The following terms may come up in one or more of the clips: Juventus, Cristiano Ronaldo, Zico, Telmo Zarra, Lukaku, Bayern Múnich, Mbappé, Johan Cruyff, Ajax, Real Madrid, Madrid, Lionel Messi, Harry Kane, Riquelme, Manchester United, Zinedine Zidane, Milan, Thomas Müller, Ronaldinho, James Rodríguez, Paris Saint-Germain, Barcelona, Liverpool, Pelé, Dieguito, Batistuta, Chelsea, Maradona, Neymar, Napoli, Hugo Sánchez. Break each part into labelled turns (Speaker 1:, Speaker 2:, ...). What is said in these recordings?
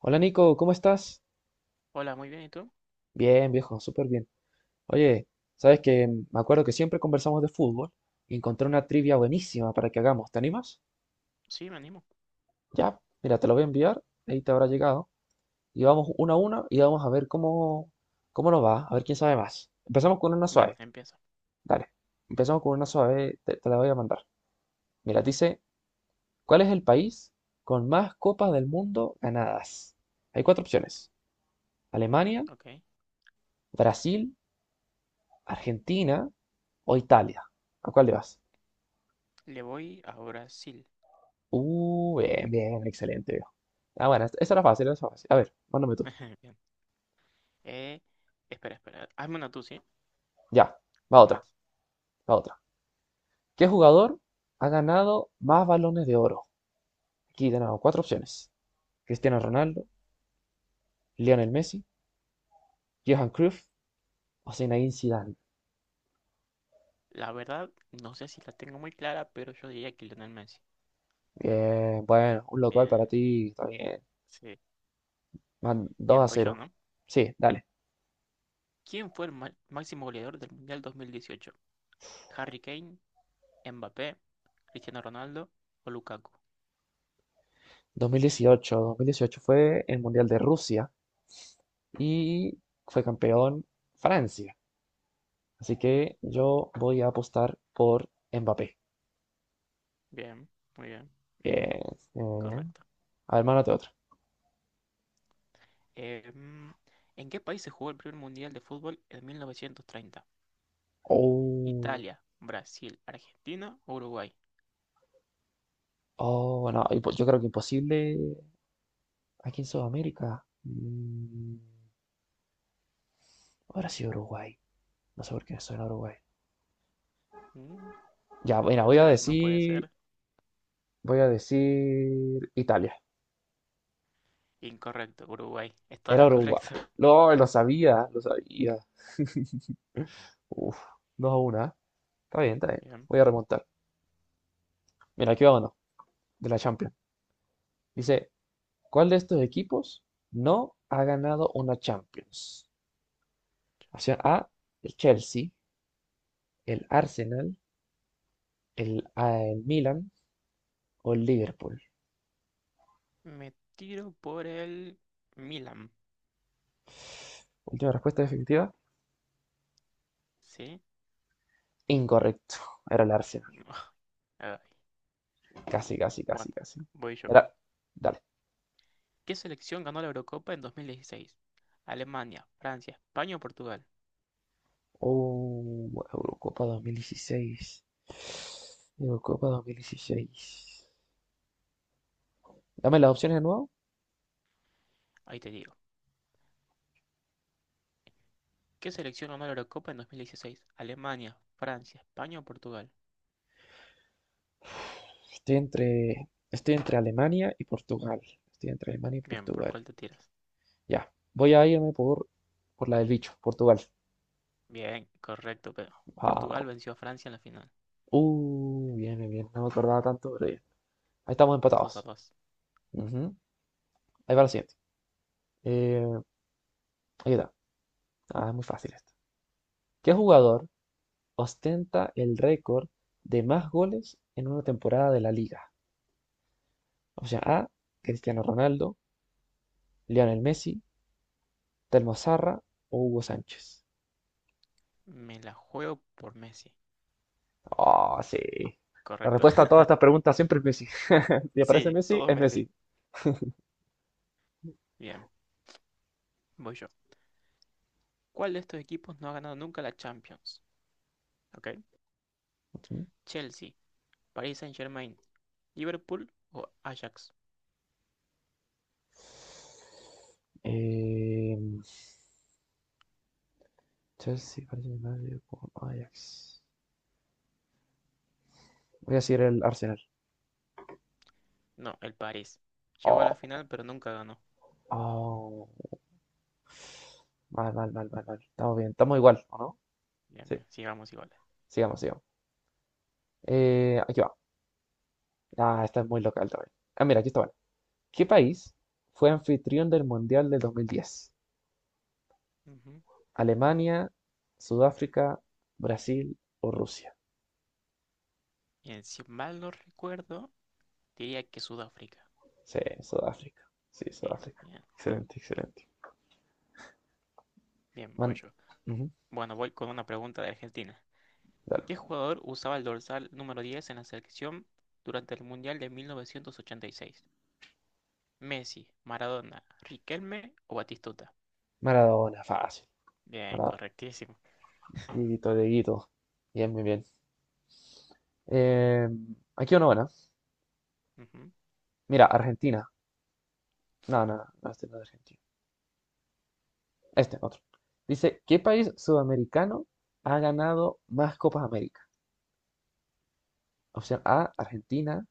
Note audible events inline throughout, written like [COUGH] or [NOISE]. Speaker 1: Hola Nico, ¿cómo estás?
Speaker 2: Hola, muy bien, ¿y tú?
Speaker 1: Bien, viejo, súper bien. Oye, sabes que me acuerdo que siempre conversamos de fútbol y encontré una trivia buenísima para que hagamos. ¿Te animas?
Speaker 2: Sí, me animo.
Speaker 1: Ya, mira, te lo voy a enviar, ahí te habrá llegado. Y vamos uno a uno y vamos a ver cómo nos va, a ver quién sabe más. Empezamos con una
Speaker 2: Bien,
Speaker 1: suave.
Speaker 2: empiezo.
Speaker 1: Dale, empezamos con una suave, te la voy a mandar. Mira, dice, ¿cuál es el país con más copas del mundo ganadas? Hay cuatro opciones. Alemania,
Speaker 2: Ok.
Speaker 1: Brasil, Argentina o Italia. ¿A cuál le vas?
Speaker 2: Le voy a Brasil.
Speaker 1: Bien, bien, excelente, viejo. Ah, bueno, esa era fácil, esa era fácil. A ver, mándame tú.
Speaker 2: [LAUGHS] Bien. Eh, espera. Hazme una tú, ¿sí?
Speaker 1: Ya, va
Speaker 2: Uno
Speaker 1: otra,
Speaker 2: más.
Speaker 1: va otra. ¿Qué jugador ha ganado más balones de oro? Aquí tenemos cuatro opciones. Cristiano Ronaldo, Lionel Messi, Johan Cruyff o Zinedine Zidane.
Speaker 2: La verdad, no sé si la tengo muy clara, pero yo diría que Lionel Messi.
Speaker 1: Bien, bueno, un local para
Speaker 2: Bien,
Speaker 1: ti, está bien.
Speaker 2: sí.
Speaker 1: Van dos
Speaker 2: Bien,
Speaker 1: a
Speaker 2: voy yo,
Speaker 1: cero
Speaker 2: ¿no?
Speaker 1: Sí, dale.
Speaker 2: ¿Quién fue el máximo goleador del Mundial 2018? ¿Harry Kane, Mbappé, Cristiano Ronaldo o Lukaku?
Speaker 1: 2018, 2018 fue el Mundial de Rusia y fue campeón Francia. Así que yo voy a apostar por Mbappé.
Speaker 2: Bien, muy bien,
Speaker 1: Bien, bien.
Speaker 2: correcto.
Speaker 1: A ver, mándate otra.
Speaker 2: Eh, mm, ¿En qué país se jugó el primer Mundial de fútbol en 1930?
Speaker 1: Oh,
Speaker 2: Italia, Brasil, Argentina, Uruguay.
Speaker 1: oh, no, yo creo que imposible aquí en Sudamérica. Ahora sí Uruguay. No sé por qué me suena Uruguay.
Speaker 2: Mm,
Speaker 1: Ya, mira,
Speaker 2: puede ser, no puede ser.
Speaker 1: voy a decir Italia.
Speaker 2: Incorrecto, Uruguay.
Speaker 1: Era
Speaker 2: Estabas
Speaker 1: Uruguay.
Speaker 2: correcto.
Speaker 1: No, lo sabía, lo sabía. Uf, dos a 1, ¿eh? Está bien, está
Speaker 2: [LAUGHS]
Speaker 1: bien.
Speaker 2: Bien.
Speaker 1: Voy a remontar. Mira, aquí va uno, de la Champions. Dice, ¿cuál de estos equipos no ha ganado una Champions? Opción A, el Chelsea, el Arsenal, el Milan o el Liverpool.
Speaker 2: Me tiro por el Milan.
Speaker 1: Última respuesta definitiva.
Speaker 2: ¿Sí?
Speaker 1: Incorrecto. Era el Arsenal.
Speaker 2: [LAUGHS] Ay.
Speaker 1: Casi, casi,
Speaker 2: Bueno,
Speaker 1: casi, casi.
Speaker 2: voy yo.
Speaker 1: Era. Dale.
Speaker 2: ¿Qué selección ganó la Eurocopa en 2016? Alemania, Francia, España o Portugal.
Speaker 1: Oh, Eurocopa 2016. Eurocopa 2016. Dame las opciones de nuevo.
Speaker 2: Ahí te digo. ¿Qué selección ganó la Eurocopa en 2016? Alemania, Francia, España o Portugal.
Speaker 1: Estoy entre Alemania y Portugal. Estoy entre Alemania y
Speaker 2: Bien, ¿por
Speaker 1: Portugal.
Speaker 2: cuál te tiras?
Speaker 1: Ya, voy a irme por la del bicho, Portugal.
Speaker 2: Bien, correcto, pero Portugal
Speaker 1: Wow.
Speaker 2: venció a Francia en la final.
Speaker 1: Bien, bien, bien. No me acordaba tanto, pero bien. Ahí estamos
Speaker 2: 2 a
Speaker 1: empatados.
Speaker 2: 2.
Speaker 1: Ujú. Ahí va la siguiente. Eh, ahí está. Ah, es muy fácil esto. ¿Qué jugador ostenta el récord de más goles en una temporada de la liga? O sea, A,
Speaker 2: Ok.
Speaker 1: Cristiano Ronaldo, Lionel Messi, Telmo Zarra o Hugo Sánchez.
Speaker 2: Me la juego por Messi,
Speaker 1: Oh, sí. La
Speaker 2: ¿correcto?
Speaker 1: respuesta a
Speaker 2: [LAUGHS]
Speaker 1: todas estas preguntas siempre es Messi. [LAUGHS] Si aparece
Speaker 2: Sí,
Speaker 1: Messi,
Speaker 2: todo
Speaker 1: es
Speaker 2: Messi.
Speaker 1: Messi.
Speaker 2: Bien, voy yo. ¿Cuál de estos equipos no ha ganado nunca la Champions? Ok. Chelsea, Paris Saint-Germain, Liverpool o Ajax.
Speaker 1: Eh, Chelsea parece más con Ajax. Voy a seguir el Arsenal.
Speaker 2: No, el París. Llegó a la
Speaker 1: Oh,
Speaker 2: final, pero nunca ganó.
Speaker 1: oh, mal, mal, mal, mal, mal. Estamos bien, estamos igual, ¿o no?
Speaker 2: Bien,
Speaker 1: Sí,
Speaker 2: bien, sigamos iguales.
Speaker 1: sigamos, sigamos. Aquí va. Ah, esta es muy local también. Ah, mira, aquí está bueno. ¿Qué país fue anfitrión del Mundial del 2010?
Speaker 2: Ujú.
Speaker 1: ¿Alemania, Sudáfrica, Brasil o Rusia?
Speaker 2: Bien, si mal no recuerdo, diría que Sudáfrica.
Speaker 1: Sí, Sudáfrica. Sí,
Speaker 2: Sí,
Speaker 1: Sudáfrica.
Speaker 2: bien,
Speaker 1: Excelente, excelente.
Speaker 2: bien, voy
Speaker 1: Man-
Speaker 2: yo.
Speaker 1: Ujú,
Speaker 2: Bueno, voy con una pregunta de Argentina.
Speaker 1: dale.
Speaker 2: ¿Qué jugador usaba el dorsal número 10 en la selección durante el Mundial de 1986? Messi, Maradona, Riquelme o Batistuta.
Speaker 1: Maradona, fácil.
Speaker 2: Bien,
Speaker 1: Para
Speaker 2: correctísimo.
Speaker 1: Dieguito, Dieguito. Bien, muy bien. Eh, aquí una buena.
Speaker 2: Ujú.
Speaker 1: Mira, Argentina. No, no, no, no, este no es de Argentina. Este, otro. Dice, ¿qué país sudamericano ha ganado más Copas América? Opción A, Argentina.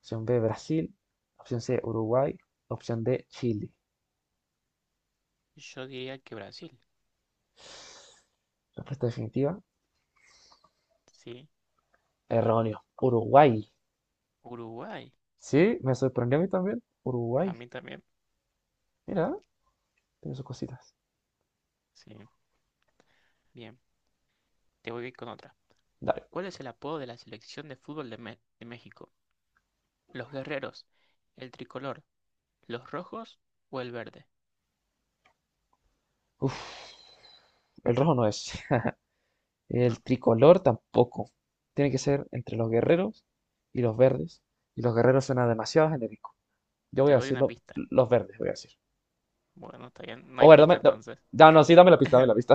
Speaker 1: Opción B, Brasil. Opción C, Uruguay. Opción D, Chile.
Speaker 2: Yo diría que Brasil,
Speaker 1: Respuesta definitiva,
Speaker 2: sí.
Speaker 1: erróneo. Uruguay.
Speaker 2: Uruguay,
Speaker 1: Sí, me sorprendió a mí también.
Speaker 2: a
Speaker 1: Uruguay.
Speaker 2: mí también,
Speaker 1: Mira, tiene sus cositas.
Speaker 2: sí. Bien, te voy a ir con otra.
Speaker 1: Dale.
Speaker 2: ¿Cuál es el apodo de la selección de fútbol de, de México? ¿Los guerreros, el tricolor, los rojos o el verde?
Speaker 1: Uf, el rojo no es. [LAUGHS]
Speaker 2: No,
Speaker 1: El tricolor tampoco. Tiene que ser entre los guerreros y los verdes. Y los guerreros suena demasiado genérico. Yo
Speaker 2: te
Speaker 1: voy a
Speaker 2: doy una
Speaker 1: decirlo,
Speaker 2: pista.
Speaker 1: los verdes, voy a decir.
Speaker 2: Bueno, está bien, no
Speaker 1: O
Speaker 2: hay
Speaker 1: ver, dame.
Speaker 2: pista
Speaker 1: No,
Speaker 2: entonces.
Speaker 1: no, no, sí, dame la pista, dame la
Speaker 2: [LAUGHS]
Speaker 1: pista.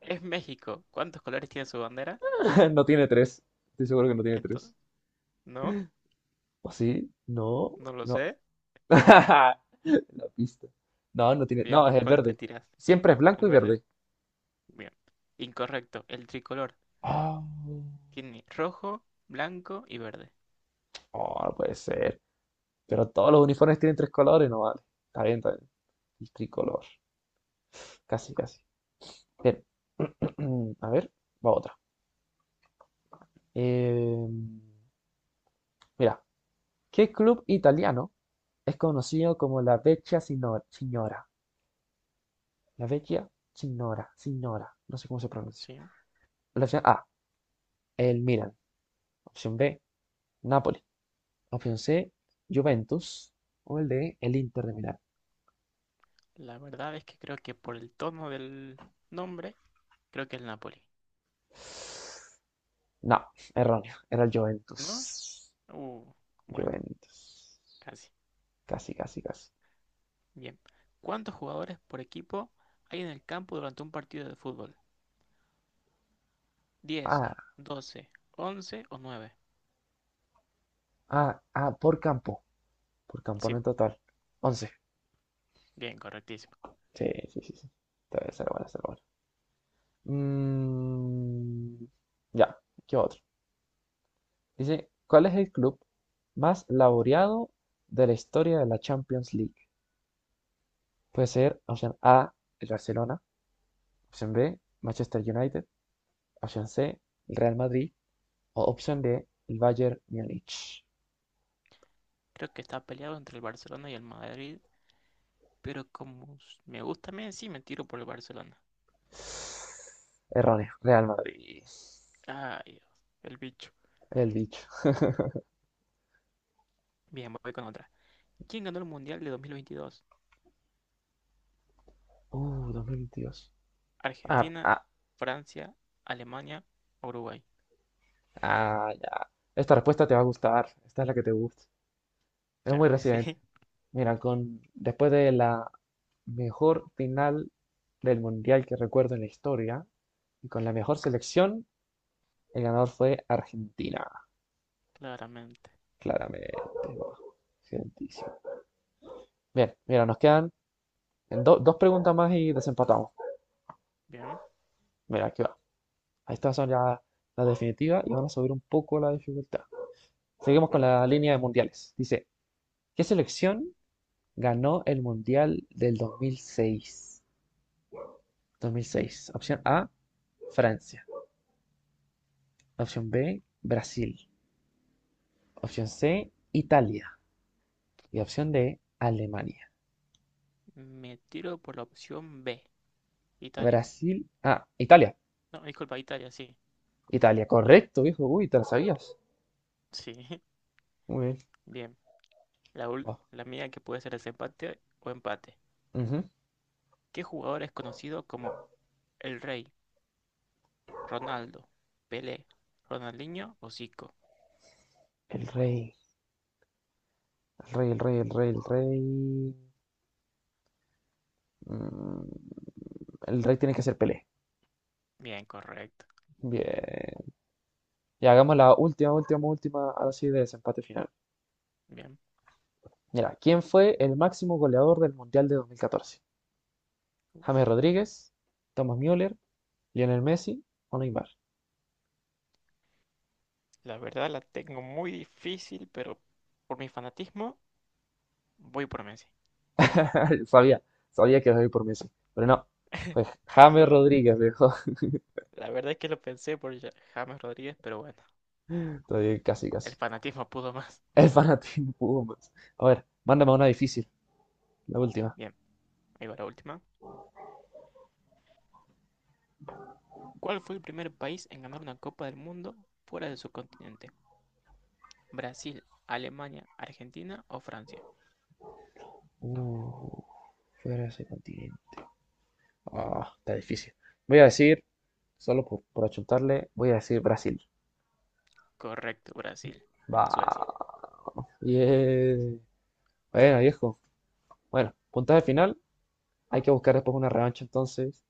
Speaker 2: Es México. ¿Cuántos colores tiene su bandera?
Speaker 1: [LAUGHS] No tiene tres. Estoy seguro que no tiene
Speaker 2: Entonces,
Speaker 1: tres.
Speaker 2: no,
Speaker 1: ¿O sí? No,
Speaker 2: no lo
Speaker 1: no.
Speaker 2: sé.
Speaker 1: [LAUGHS] La pista. No, no tiene.
Speaker 2: Bien,
Speaker 1: No, es
Speaker 2: ¿por
Speaker 1: el
Speaker 2: cuál te
Speaker 1: verde.
Speaker 2: tiras?
Speaker 1: Siempre es
Speaker 2: El
Speaker 1: blanco y
Speaker 2: verde.
Speaker 1: verde.
Speaker 2: Bien. Incorrecto. El tricolor
Speaker 1: Ah,
Speaker 2: tiene rojo, blanco y verde.
Speaker 1: oh, no puede ser. Pero todos los uniformes tienen tres colores, no vale. Está bien, está bien. El tricolor. Casi, casi. Bien. [CLEARS THROAT] [COUGHS] A ver, va otra. Eh, mira, ¿qué club italiano es conocido como la Vecchia Signora? La Vecchia Signora, Signora, no sé cómo se pronuncia.
Speaker 2: Sí.
Speaker 1: La opción A, el Milan. Opción B, Napoli. Opción C, Juventus. O el D, el Inter de Milán.
Speaker 2: La verdad es que creo que por el tono del nombre, creo que es el Napoli.
Speaker 1: No, erróneo, era el Juventus.
Speaker 2: ¿No? Uh, bueno,
Speaker 1: Juventus.
Speaker 2: casi.
Speaker 1: Casi, casi, casi.
Speaker 2: Bien. ¿Cuántos jugadores por equipo hay en el campo durante un partido de fútbol? ¿Diez,
Speaker 1: Ah,
Speaker 2: doce, 11 o nueve?
Speaker 1: ah, ah, por campo. Por campana
Speaker 2: Sí,
Speaker 1: en total. 11.
Speaker 2: bien, correctísimo.
Speaker 1: Sí, sí, sí, sí. Está bien, será bueno, será bueno. Mm, ya, ¿qué otro? Dice, ¿cuál es el club más laureado de la historia de la Champions League? Puede ser opción A, el Barcelona, opción B, Manchester United, opción C, el Real Madrid o opción D, el Bayern Múnich.
Speaker 2: Creo que está peleado entre el Barcelona y el Madrid, pero como me gusta Messi, me tiro por el Barcelona.
Speaker 1: Erróneo, Real Madrid.
Speaker 2: Ay, Dios, el bicho.
Speaker 1: El bicho.
Speaker 2: Bien, voy con otra. ¿Quién ganó el Mundial de 2022?
Speaker 1: 2022. Ah,
Speaker 2: ¿Argentina,
Speaker 1: ah,
Speaker 2: Francia, Alemania, Uruguay?
Speaker 1: ah, ya. Esta respuesta te va a gustar. Esta es la que te gusta. Es muy
Speaker 2: Claro que sí,
Speaker 1: reciente.
Speaker 2: [LAUGHS]
Speaker 1: Mira, con después de la mejor final del mundial que recuerdo en la historia y con la mejor selección, el ganador fue Argentina,
Speaker 2: claramente.
Speaker 1: claramente. Argentísimo. Bien, mira, nos quedan dos preguntas más y desempatamos.
Speaker 2: Bien,
Speaker 1: Mira, aquí va. Estas son ya las definitivas y van a subir un poco la dificultad. Seguimos con
Speaker 2: vamos con
Speaker 1: la
Speaker 2: ello.
Speaker 1: línea de mundiales. Dice, ¿qué selección ganó el Mundial del 2006? 2006. Opción A, Francia. Opción B, Brasil. Opción C, Italia. Y opción D, Alemania.
Speaker 2: Me tiro por la opción B, Italia.
Speaker 1: Brasil. Ah, Italia.
Speaker 2: No, disculpa, Italia, sí.
Speaker 1: Italia, correcto, viejo. Uy, te la sabías.
Speaker 2: Sí, [LAUGHS]
Speaker 1: Muy bien.
Speaker 2: bien. La,
Speaker 1: Va.
Speaker 2: la mía que puede ser desempate o empate.
Speaker 1: Ujú.
Speaker 2: ¿Qué jugador es conocido como el Rey, Ronaldo, Pelé, Ronaldinho o Zico?
Speaker 1: El rey. El rey, el rey, el rey, el rey. Mm, el rey tiene que ser Pelé.
Speaker 2: Bien, correcto.
Speaker 1: Bien. Y hagamos la última, última, última, así de desempate final.
Speaker 2: Bien.
Speaker 1: Mira, ¿quién fue el máximo goleador del Mundial de 2014? James
Speaker 2: Uf,
Speaker 1: Rodríguez, Thomas Müller, Lionel Messi o Neymar.
Speaker 2: la verdad la tengo muy difícil, pero por mi fanatismo. Voy por Messi.
Speaker 1: [LAUGHS] Sabía, sabía que iba a ir por Messi, pero no, fue James
Speaker 2: No,
Speaker 1: Rodríguez, viejo.
Speaker 2: la verdad es que lo pensé por James Rodríguez, pero bueno,
Speaker 1: [LAUGHS] Estoy casi,
Speaker 2: el
Speaker 1: casi.
Speaker 2: fanatismo pudo más.
Speaker 1: El fanatismo [LAUGHS] pudo más. A ver, mándame una difícil, la última.
Speaker 2: Bien, ahí va la última. ¿Cuál fue el primer país en ganar una Copa del Mundo fuera de su continente? ¿Brasil, Alemania, Argentina o Francia?
Speaker 1: Uh, fuera de ese continente. Ah, está difícil. Voy a decir, solo por achuntarle, voy a decir Brasil.
Speaker 2: Correcto, Brasil, en
Speaker 1: Va.
Speaker 2: Suecia.
Speaker 1: Bien. Bueno, viejo. Bueno, puntaje final. Hay que buscar después una revancha entonces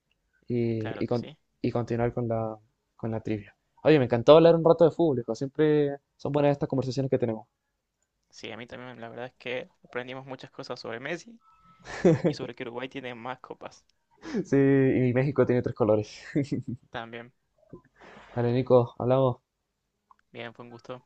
Speaker 1: y,
Speaker 2: Claro
Speaker 1: y
Speaker 2: que sí.
Speaker 1: y continuar con la trivia. Oye, me encantó hablar un rato de fútbol, hijo. Siempre son buenas estas conversaciones que tenemos.
Speaker 2: Sí, a mí también la verdad es que aprendimos muchas cosas sobre Messi y sobre que Uruguay tiene más copas.
Speaker 1: [LAUGHS] Sí, y México tiene tres colores.
Speaker 2: También,
Speaker 1: Vale, Nico, hablamos.
Speaker 2: bien, fue un gusto.